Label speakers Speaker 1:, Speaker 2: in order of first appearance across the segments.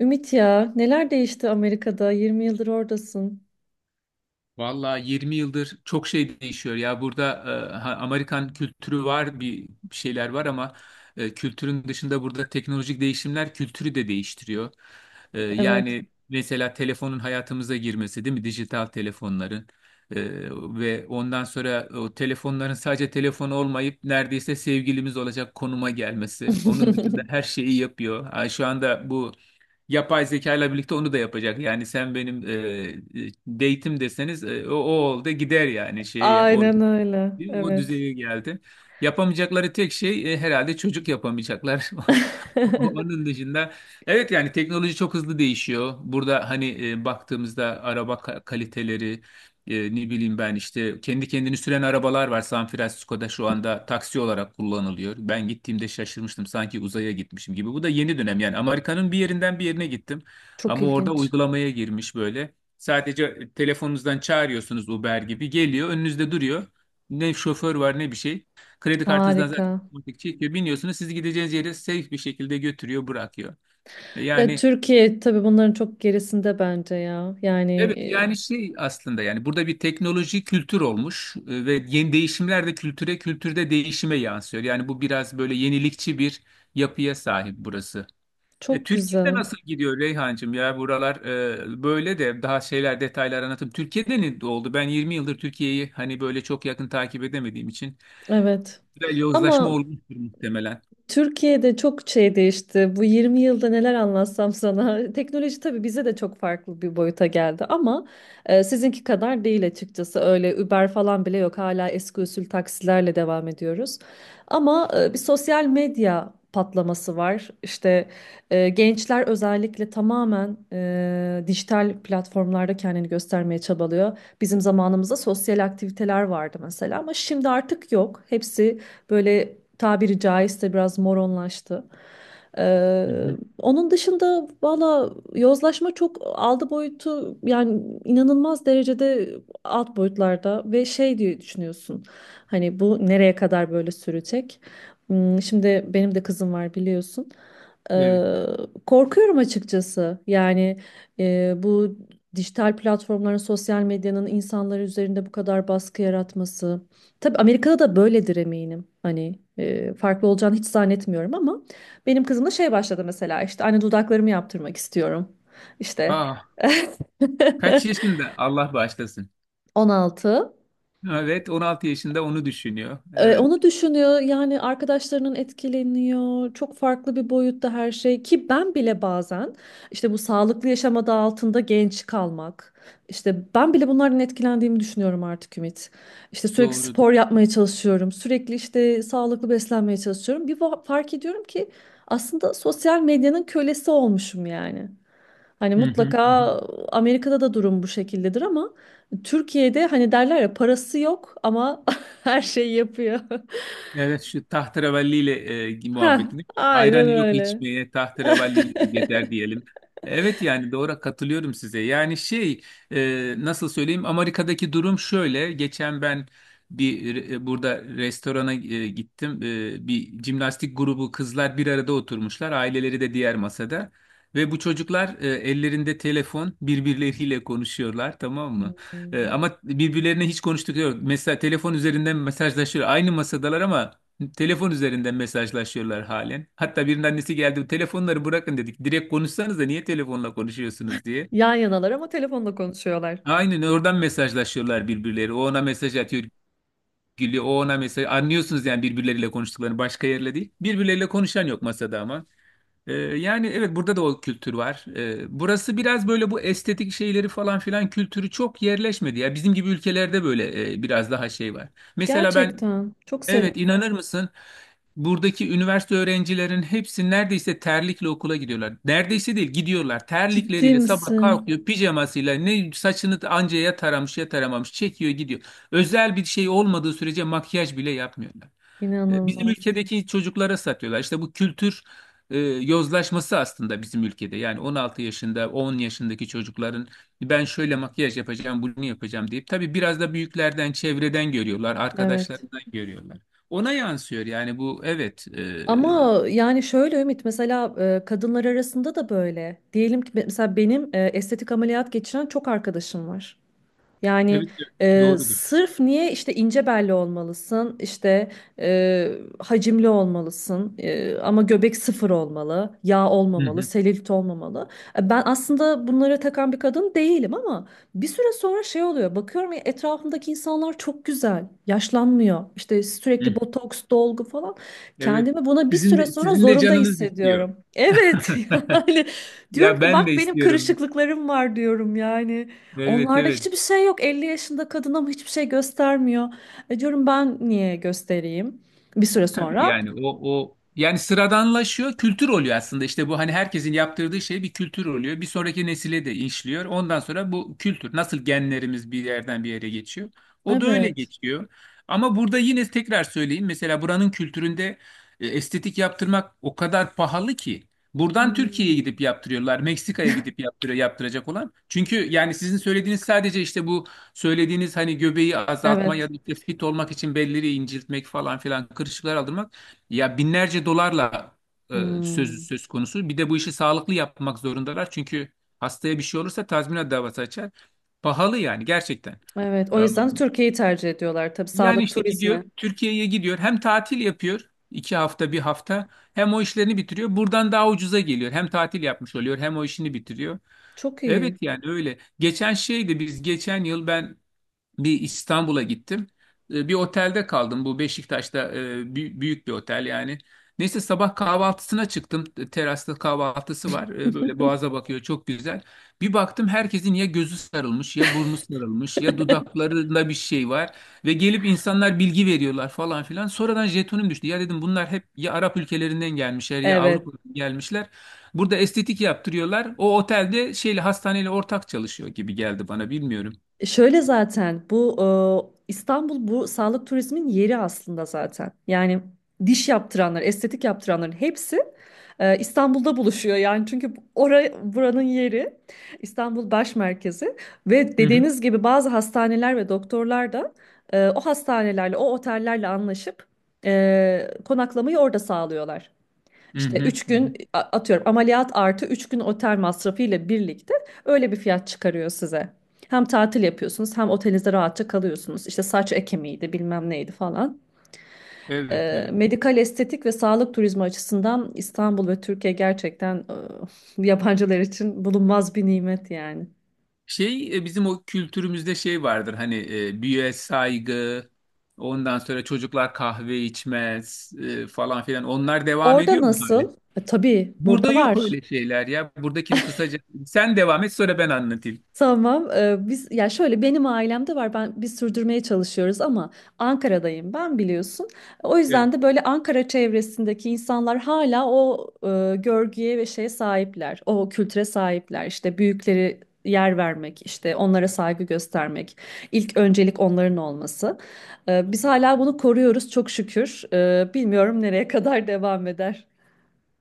Speaker 1: Ümit, ya neler değişti Amerika'da? 20 yıldır oradasın.
Speaker 2: Valla 20 yıldır çok şey değişiyor ya burada. Amerikan kültürü var, bir şeyler var ama kültürün dışında burada teknolojik değişimler kültürü de değiştiriyor. E,
Speaker 1: Evet.
Speaker 2: yani mesela telefonun hayatımıza girmesi, değil mi, dijital telefonların. E, ve ondan sonra o telefonların sadece telefon olmayıp neredeyse sevgilimiz olacak konuma gelmesi. Onun dışında her şeyi yapıyor. Ha, şu anda bu yapay zeka ile birlikte onu da yapacak. Yani sen benim date'im deseniz o oldu gider yani şeye o.
Speaker 1: Aynen öyle.
Speaker 2: Değil mi? O
Speaker 1: Evet.
Speaker 2: düzeye geldi. Yapamayacakları tek şey herhalde, çocuk yapamayacaklar. Onun dışında evet, yani teknoloji çok hızlı değişiyor. Burada hani baktığımızda araba kaliteleri, ne bileyim ben, işte kendi kendini süren arabalar var. San Francisco'da şu anda taksi olarak kullanılıyor. Ben gittiğimde şaşırmıştım, sanki uzaya gitmişim gibi. Bu da yeni dönem yani, Amerika'nın bir yerinden bir yerine gittim.
Speaker 1: Çok
Speaker 2: Ama orada
Speaker 1: ilginç.
Speaker 2: uygulamaya girmiş böyle. Sadece telefonunuzdan çağırıyorsunuz, Uber gibi geliyor önünüzde duruyor. Ne şoför var ne bir şey. Kredi kartınızdan
Speaker 1: Harika.
Speaker 2: zaten otomatik çekiyor. Biniyorsunuz, sizi gideceğiniz yere safe bir şekilde götürüyor, bırakıyor. E,
Speaker 1: Ya
Speaker 2: yani
Speaker 1: Türkiye tabii bunların çok gerisinde bence ya.
Speaker 2: evet, yani şey aslında, yani burada bir teknoloji kültür olmuş, ve yeni değişimler de kültüre, kültürde değişime yansıyor. Yani bu biraz böyle yenilikçi bir yapıya sahip burası.
Speaker 1: Çok
Speaker 2: Türkiye'de
Speaker 1: güzel.
Speaker 2: nasıl gidiyor Reyhancığım, ya buralar, böyle de daha şeyler, detaylar anlatım. Türkiye'de ne oldu? Ben 20 yıldır Türkiye'yi hani böyle çok yakın takip edemediğim için
Speaker 1: Evet.
Speaker 2: güzel yozlaşma
Speaker 1: Ama
Speaker 2: olmuştur muhtemelen.
Speaker 1: Türkiye'de çok şey değişti. Bu 20 yılda neler anlatsam sana. Teknoloji tabii bize de çok farklı bir boyuta geldi ama sizinki kadar değil açıkçası. Öyle Uber falan bile yok. Hala eski usul taksilerle devam ediyoruz. Ama bir sosyal medya patlaması var. İşte gençler özellikle tamamen dijital platformlarda kendini göstermeye çabalıyor. Bizim zamanımızda sosyal aktiviteler vardı mesela ama şimdi artık yok. Hepsi böyle, tabiri caizse, biraz moronlaştı. Ee,
Speaker 2: Hı hı.
Speaker 1: Onun dışında valla yozlaşma çok aldı boyutu, yani inanılmaz derecede alt boyutlarda ve şey diye düşünüyorsun. Hani bu nereye kadar böyle sürecek? Hmm. Şimdi benim de kızım var, biliyorsun.
Speaker 2: Evet.
Speaker 1: Ee, Korkuyorum açıkçası. Yani bu dijital platformların, sosyal medyanın insanlar üzerinde bu kadar baskı yaratması. Tabii Amerika'da da böyledir eminim. Hani farklı olacağını hiç zannetmiyorum ama benim kızım da şey başladı mesela, işte anne dudaklarımı yaptırmak istiyorum. İşte
Speaker 2: Aa, kaç yaşında? Allah bağışlasın.
Speaker 1: 16.
Speaker 2: Evet, 16 yaşında onu düşünüyor. Evet,
Speaker 1: Onu düşünüyor yani, arkadaşlarının etkileniyor, çok farklı bir boyutta her şey, ki ben bile bazen işte bu sağlıklı yaşam adı altında genç kalmak, işte ben bile bunlardan etkilendiğimi düşünüyorum artık Ümit. İşte sürekli
Speaker 2: doğru.
Speaker 1: spor yapmaya çalışıyorum, sürekli işte sağlıklı beslenmeye çalışıyorum, bir fark ediyorum ki aslında sosyal medyanın kölesi olmuşum yani. Hani
Speaker 2: Hı hı, hı hı.
Speaker 1: mutlaka Amerika'da da durum bu şekildedir ama Türkiye'de hani derler ya, parası yok ama her şeyi yapıyor.
Speaker 2: Evet, şu tahterevalliyle
Speaker 1: Ha,
Speaker 2: muhabbetini, ayran
Speaker 1: aynen
Speaker 2: yok
Speaker 1: öyle.
Speaker 2: içmeye tahterevalliyle gezer diyelim. Evet, yani doğru, katılıyorum size. Yani şey, nasıl söyleyeyim, Amerika'daki durum şöyle. Geçen ben bir burada restorana gittim. E, bir jimnastik grubu kızlar bir arada oturmuşlar. Aileleri de diğer masada. Ve bu çocuklar ellerinde telefon birbirleriyle konuşuyorlar, tamam mı?
Speaker 1: Hmm.
Speaker 2: Ama birbirlerine hiç konuştukları yok. Mesela telefon üzerinden mesajlaşıyor. Aynı masadalar ama telefon üzerinden mesajlaşıyorlar halen. Hatta birinin annesi geldi, telefonları bırakın dedik. Direkt konuşsanız da niye telefonla konuşuyorsunuz diye.
Speaker 1: Yan yanalar ama telefonla konuşuyorlar.
Speaker 2: Aynen, oradan mesajlaşıyorlar birbirleri. O ona mesaj atıyor, gülüyor. O ona mesaj. Anlıyorsunuz yani birbirleriyle konuştuklarını, başka yerle değil. Birbirleriyle konuşan yok masada ama. Yani evet, burada da o kültür var. Burası biraz böyle, bu estetik şeyleri falan filan kültürü çok yerleşmedi. Ya bizim gibi ülkelerde böyle biraz daha şey var. Mesela ben
Speaker 1: Gerçekten. Çok sevin.
Speaker 2: evet, inanır mısın? Buradaki üniversite öğrencilerin hepsi neredeyse terlikle okula gidiyorlar. Neredeyse değil, gidiyorlar.
Speaker 1: Ciddi
Speaker 2: Terlikleriyle sabah
Speaker 1: misin?
Speaker 2: kalkıyor, pijamasıyla, ne saçını anca ya taramış ya taramamış, çekiyor gidiyor. Özel bir şey olmadığı sürece makyaj bile yapmıyorlar. E, Bizim
Speaker 1: İnanılmaz.
Speaker 2: ülkedeki çocuklara satıyorlar. İşte bu kültür yozlaşması aslında bizim ülkede. Yani 16 yaşında, 10 yaşındaki çocukların ben şöyle makyaj yapacağım, bunu yapacağım deyip, tabii biraz da büyüklerden, çevreden görüyorlar,
Speaker 1: Evet.
Speaker 2: arkadaşlarından görüyorlar. Ona yansıyor yani bu, evet.
Speaker 1: Ama yani şöyle Ümit, mesela kadınlar arasında da böyle. Diyelim ki mesela benim estetik ameliyat geçiren çok arkadaşım var. Yani
Speaker 2: Evet, evet, doğrudur.
Speaker 1: sırf niye, işte ince belli olmalısın, işte e, hacimli olmalısın, ama göbek sıfır olmalı, yağ
Speaker 2: Hı hı,
Speaker 1: olmamalı, selülit olmamalı. Ben aslında bunlara takan bir kadın değilim ama bir süre sonra şey oluyor. Bakıyorum ya, etrafımdaki insanlar çok güzel, yaşlanmıyor. İşte
Speaker 2: hı.
Speaker 1: sürekli botoks, dolgu falan.
Speaker 2: Evet.
Speaker 1: Kendimi buna bir
Speaker 2: Sizin
Speaker 1: süre
Speaker 2: de,
Speaker 1: sonra
Speaker 2: sizin de
Speaker 1: zorunda
Speaker 2: canınız istiyor.
Speaker 1: hissediyorum. Evet. Yani diyorum
Speaker 2: Ya
Speaker 1: ki
Speaker 2: ben de
Speaker 1: bak, benim
Speaker 2: istiyorum.
Speaker 1: kırışıklıklarım var diyorum yani.
Speaker 2: Evet,
Speaker 1: Onlarda
Speaker 2: evet.
Speaker 1: hiçbir şey yok. 50 yaşında kadın ama hiçbir şey göstermiyor. E diyorum, ben niye göstereyim? Bir süre
Speaker 2: Tabii
Speaker 1: sonra.
Speaker 2: yani o yani sıradanlaşıyor, kültür oluyor aslında. İşte bu hani herkesin yaptırdığı şey bir kültür oluyor. Bir sonraki nesile de işliyor. Ondan sonra bu kültür nasıl, genlerimiz bir yerden bir yere geçiyor. O da öyle
Speaker 1: Evet.
Speaker 2: geçiyor. Ama burada yine tekrar söyleyeyim. Mesela buranın kültüründe estetik yaptırmak o kadar pahalı ki buradan Türkiye'ye
Speaker 1: Hmm.
Speaker 2: gidip yaptırıyorlar. Meksika'ya gidip yaptırıyor yaptıracak olan. Çünkü yani sizin söylediğiniz sadece işte bu, söylediğiniz hani göbeği azaltma
Speaker 1: Evet.
Speaker 2: ya da işte fit olmak için belleri inceltmek falan filan, kırışıklar aldırmak, ya binlerce dolarla e, söz
Speaker 1: Hmm.
Speaker 2: söz konusu. Bir de bu işi sağlıklı yapmak zorundalar çünkü hastaya bir şey olursa tazminat davası açar. Pahalı yani, gerçekten.
Speaker 1: Evet.
Speaker 2: E,
Speaker 1: O yüzden Türkiye'yi tercih ediyorlar. Tabii
Speaker 2: Yani
Speaker 1: sağlık
Speaker 2: işte gidiyor,
Speaker 1: turizmi.
Speaker 2: Türkiye'ye gidiyor, hem tatil yapıyor, iki hafta bir hafta, hem o işlerini bitiriyor. Buradan daha ucuza geliyor, hem tatil yapmış oluyor hem o işini bitiriyor.
Speaker 1: Çok
Speaker 2: Evet
Speaker 1: iyi.
Speaker 2: yani öyle. Geçen şeydi, biz geçen yıl ben bir İstanbul'a gittim. E, Bir otelde kaldım. Bu Beşiktaş'ta, büyük bir otel yani. Neyse, sabah kahvaltısına çıktım. E, Terasta kahvaltısı var. E, Böyle boğaza bakıyor, çok güzel. Bir baktım herkesin ya gözü sarılmış ya burnu sarılmış ya dudaklarında bir şey var. Ve gelip insanlar bilgi veriyorlar falan filan. Sonradan jetonum düştü. Ya dedim bunlar hep ya Arap ülkelerinden gelmişler ya
Speaker 1: Evet.
Speaker 2: Avrupa'dan gelmişler. Burada estetik yaptırıyorlar. O otelde şeyle, hastaneyle ortak çalışıyor gibi geldi bana, bilmiyorum.
Speaker 1: Şöyle zaten bu İstanbul bu sağlık turizmin yeri aslında zaten. Yani diş yaptıranlar, estetik yaptıranların hepsi İstanbul'da buluşuyor. Yani çünkü oraya buranın yeri, İstanbul baş merkezi ve dediğiniz gibi bazı hastaneler ve doktorlar da o hastanelerle, o otellerle anlaşıp konaklamayı orada sağlıyorlar.
Speaker 2: Hı
Speaker 1: İşte
Speaker 2: hı,
Speaker 1: 3
Speaker 2: hı hı.
Speaker 1: gün atıyorum ameliyat artı 3 gün otel masrafı ile birlikte öyle bir fiyat çıkarıyor size. Hem tatil yapıyorsunuz hem otelinizde rahatça kalıyorsunuz. İşte saç ekimiydi, bilmem neydi falan.
Speaker 2: Evet, evet.
Speaker 1: Medikal estetik ve sağlık turizmi açısından İstanbul ve Türkiye gerçekten yabancılar için bulunmaz bir nimet yani.
Speaker 2: Şey, bizim o kültürümüzde şey vardır hani, büyüğe saygı, ondan sonra çocuklar kahve içmez falan filan. Onlar devam
Speaker 1: Orada
Speaker 2: ediyor mu hali?
Speaker 1: nasıl? E, tabii
Speaker 2: Burada
Speaker 1: burada
Speaker 2: yok
Speaker 1: var.
Speaker 2: öyle şeyler ya. Buradakini kısaca sen devam et, sonra ben anlatayım.
Speaker 1: Tamam. Biz ya şöyle, benim ailemde var. Biz sürdürmeye çalışıyoruz ama Ankara'dayım ben, biliyorsun. O yüzden
Speaker 2: Evet.
Speaker 1: de böyle Ankara çevresindeki insanlar hala o görgüye ve şeye sahipler. O kültüre sahipler. İşte büyükleri yer vermek, işte onlara saygı göstermek, ilk öncelik onların olması. Biz hala bunu koruyoruz çok şükür. Bilmiyorum nereye kadar devam eder.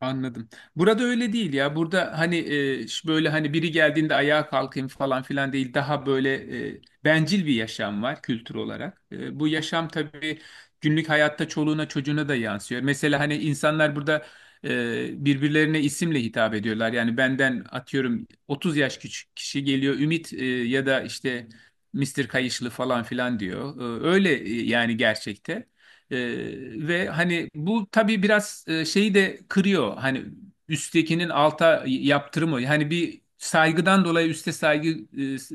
Speaker 2: Anladım. Burada öyle değil ya. Burada hani böyle hani biri geldiğinde ayağa kalkayım falan filan değil. Daha böyle bencil bir yaşam var kültür olarak. E, bu yaşam tabii günlük hayatta çoluğuna çocuğuna da yansıyor. Mesela hani insanlar burada birbirlerine isimle hitap ediyorlar. Yani benden atıyorum 30 yaş küçük kişi geliyor, Ümit, ya da işte Mister Kayışlı falan filan diyor. Öyle yani, gerçekte. Ee, ve hani bu tabii biraz şeyi de kırıyor. Hani üsttekinin alta yaptırımı. Hani bir saygıdan dolayı üste saygı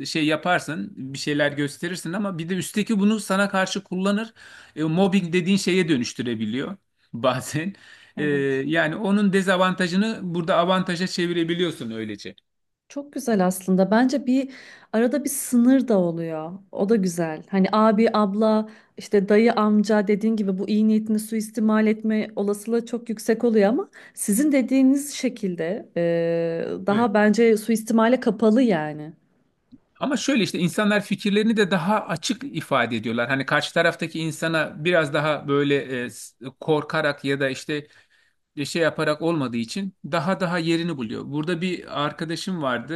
Speaker 2: şey yaparsın, bir şeyler gösterirsin ama bir de üstteki bunu sana karşı kullanır. E, mobbing dediğin şeye dönüştürebiliyor bazen. E,
Speaker 1: Evet.
Speaker 2: Yani onun dezavantajını burada avantaja çevirebiliyorsun öylece.
Speaker 1: Çok güzel aslında. Bence bir arada bir sınır da oluyor. O da güzel. Hani abi, abla, işte dayı, amca dediğin gibi bu iyi niyetini suistimal etme olasılığı çok yüksek oluyor ama sizin dediğiniz şekilde
Speaker 2: Evet.
Speaker 1: daha bence suistimale kapalı yani.
Speaker 2: Ama şöyle, işte insanlar fikirlerini de daha açık ifade ediyorlar. Hani karşı taraftaki insana biraz daha böyle korkarak ya da işte şey yaparak olmadığı için, daha yerini buluyor. Burada bir arkadaşım vardı.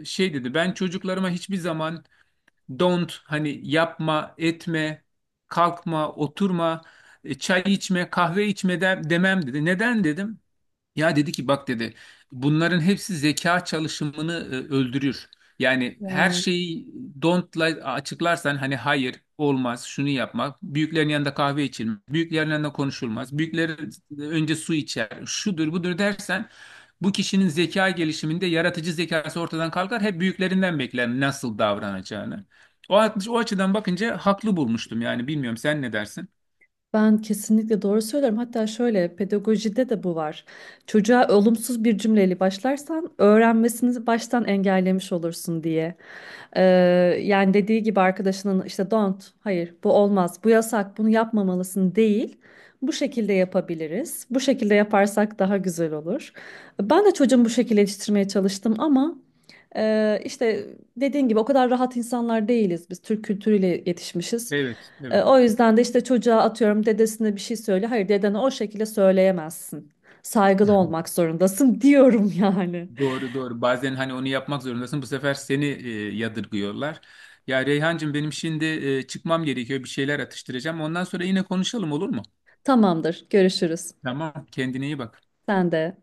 Speaker 2: Şey dedi, ben çocuklarıma hiçbir zaman don't, hani yapma, etme, kalkma, oturma, çay içme, kahve içme demem dedi. Neden dedim? Ya dedi ki bak dedi, bunların hepsi zeka çalışımını öldürür. Yani her şeyi don't'la açıklarsan hani hayır olmaz şunu yapmak, büyüklerin yanında kahve içilmez, büyüklerin yanında konuşulmaz, büyükler önce su içer, şudur budur dersen bu kişinin zeka gelişiminde yaratıcı zekası ortadan kalkar. Hep büyüklerinden bekler nasıl davranacağını. O açıdan bakınca haklı bulmuştum yani, bilmiyorum sen ne dersin?
Speaker 1: Ben kesinlikle doğru söylüyorum. Hatta şöyle pedagojide de bu var. Çocuğa olumsuz bir cümleyle başlarsan öğrenmesini baştan engellemiş olursun diye. Ee, Yani dediği gibi arkadaşının, işte don't, hayır bu olmaz, bu yasak, bunu yapmamalısın değil. Bu şekilde yapabiliriz. Bu şekilde yaparsak daha güzel olur. Ben de çocuğumu bu şekilde yetiştirmeye çalıştım ama işte dediğin gibi o kadar rahat insanlar değiliz. Biz Türk kültürüyle yetişmişiz.
Speaker 2: Evet, evet.
Speaker 1: O yüzden de işte çocuğa atıyorum dedesine bir şey söyle. Hayır, dedene o şekilde söyleyemezsin. Saygılı olmak zorundasın diyorum yani.
Speaker 2: Doğru, doğru. Bazen hani onu yapmak zorundasın. Bu sefer seni yadırgıyorlar. Ya Reyhancığım benim şimdi çıkmam gerekiyor. Bir şeyler atıştıracağım. Ondan sonra yine konuşalım, olur mu?
Speaker 1: Tamamdır, görüşürüz.
Speaker 2: Tamam. Kendine iyi bak.
Speaker 1: Sen de.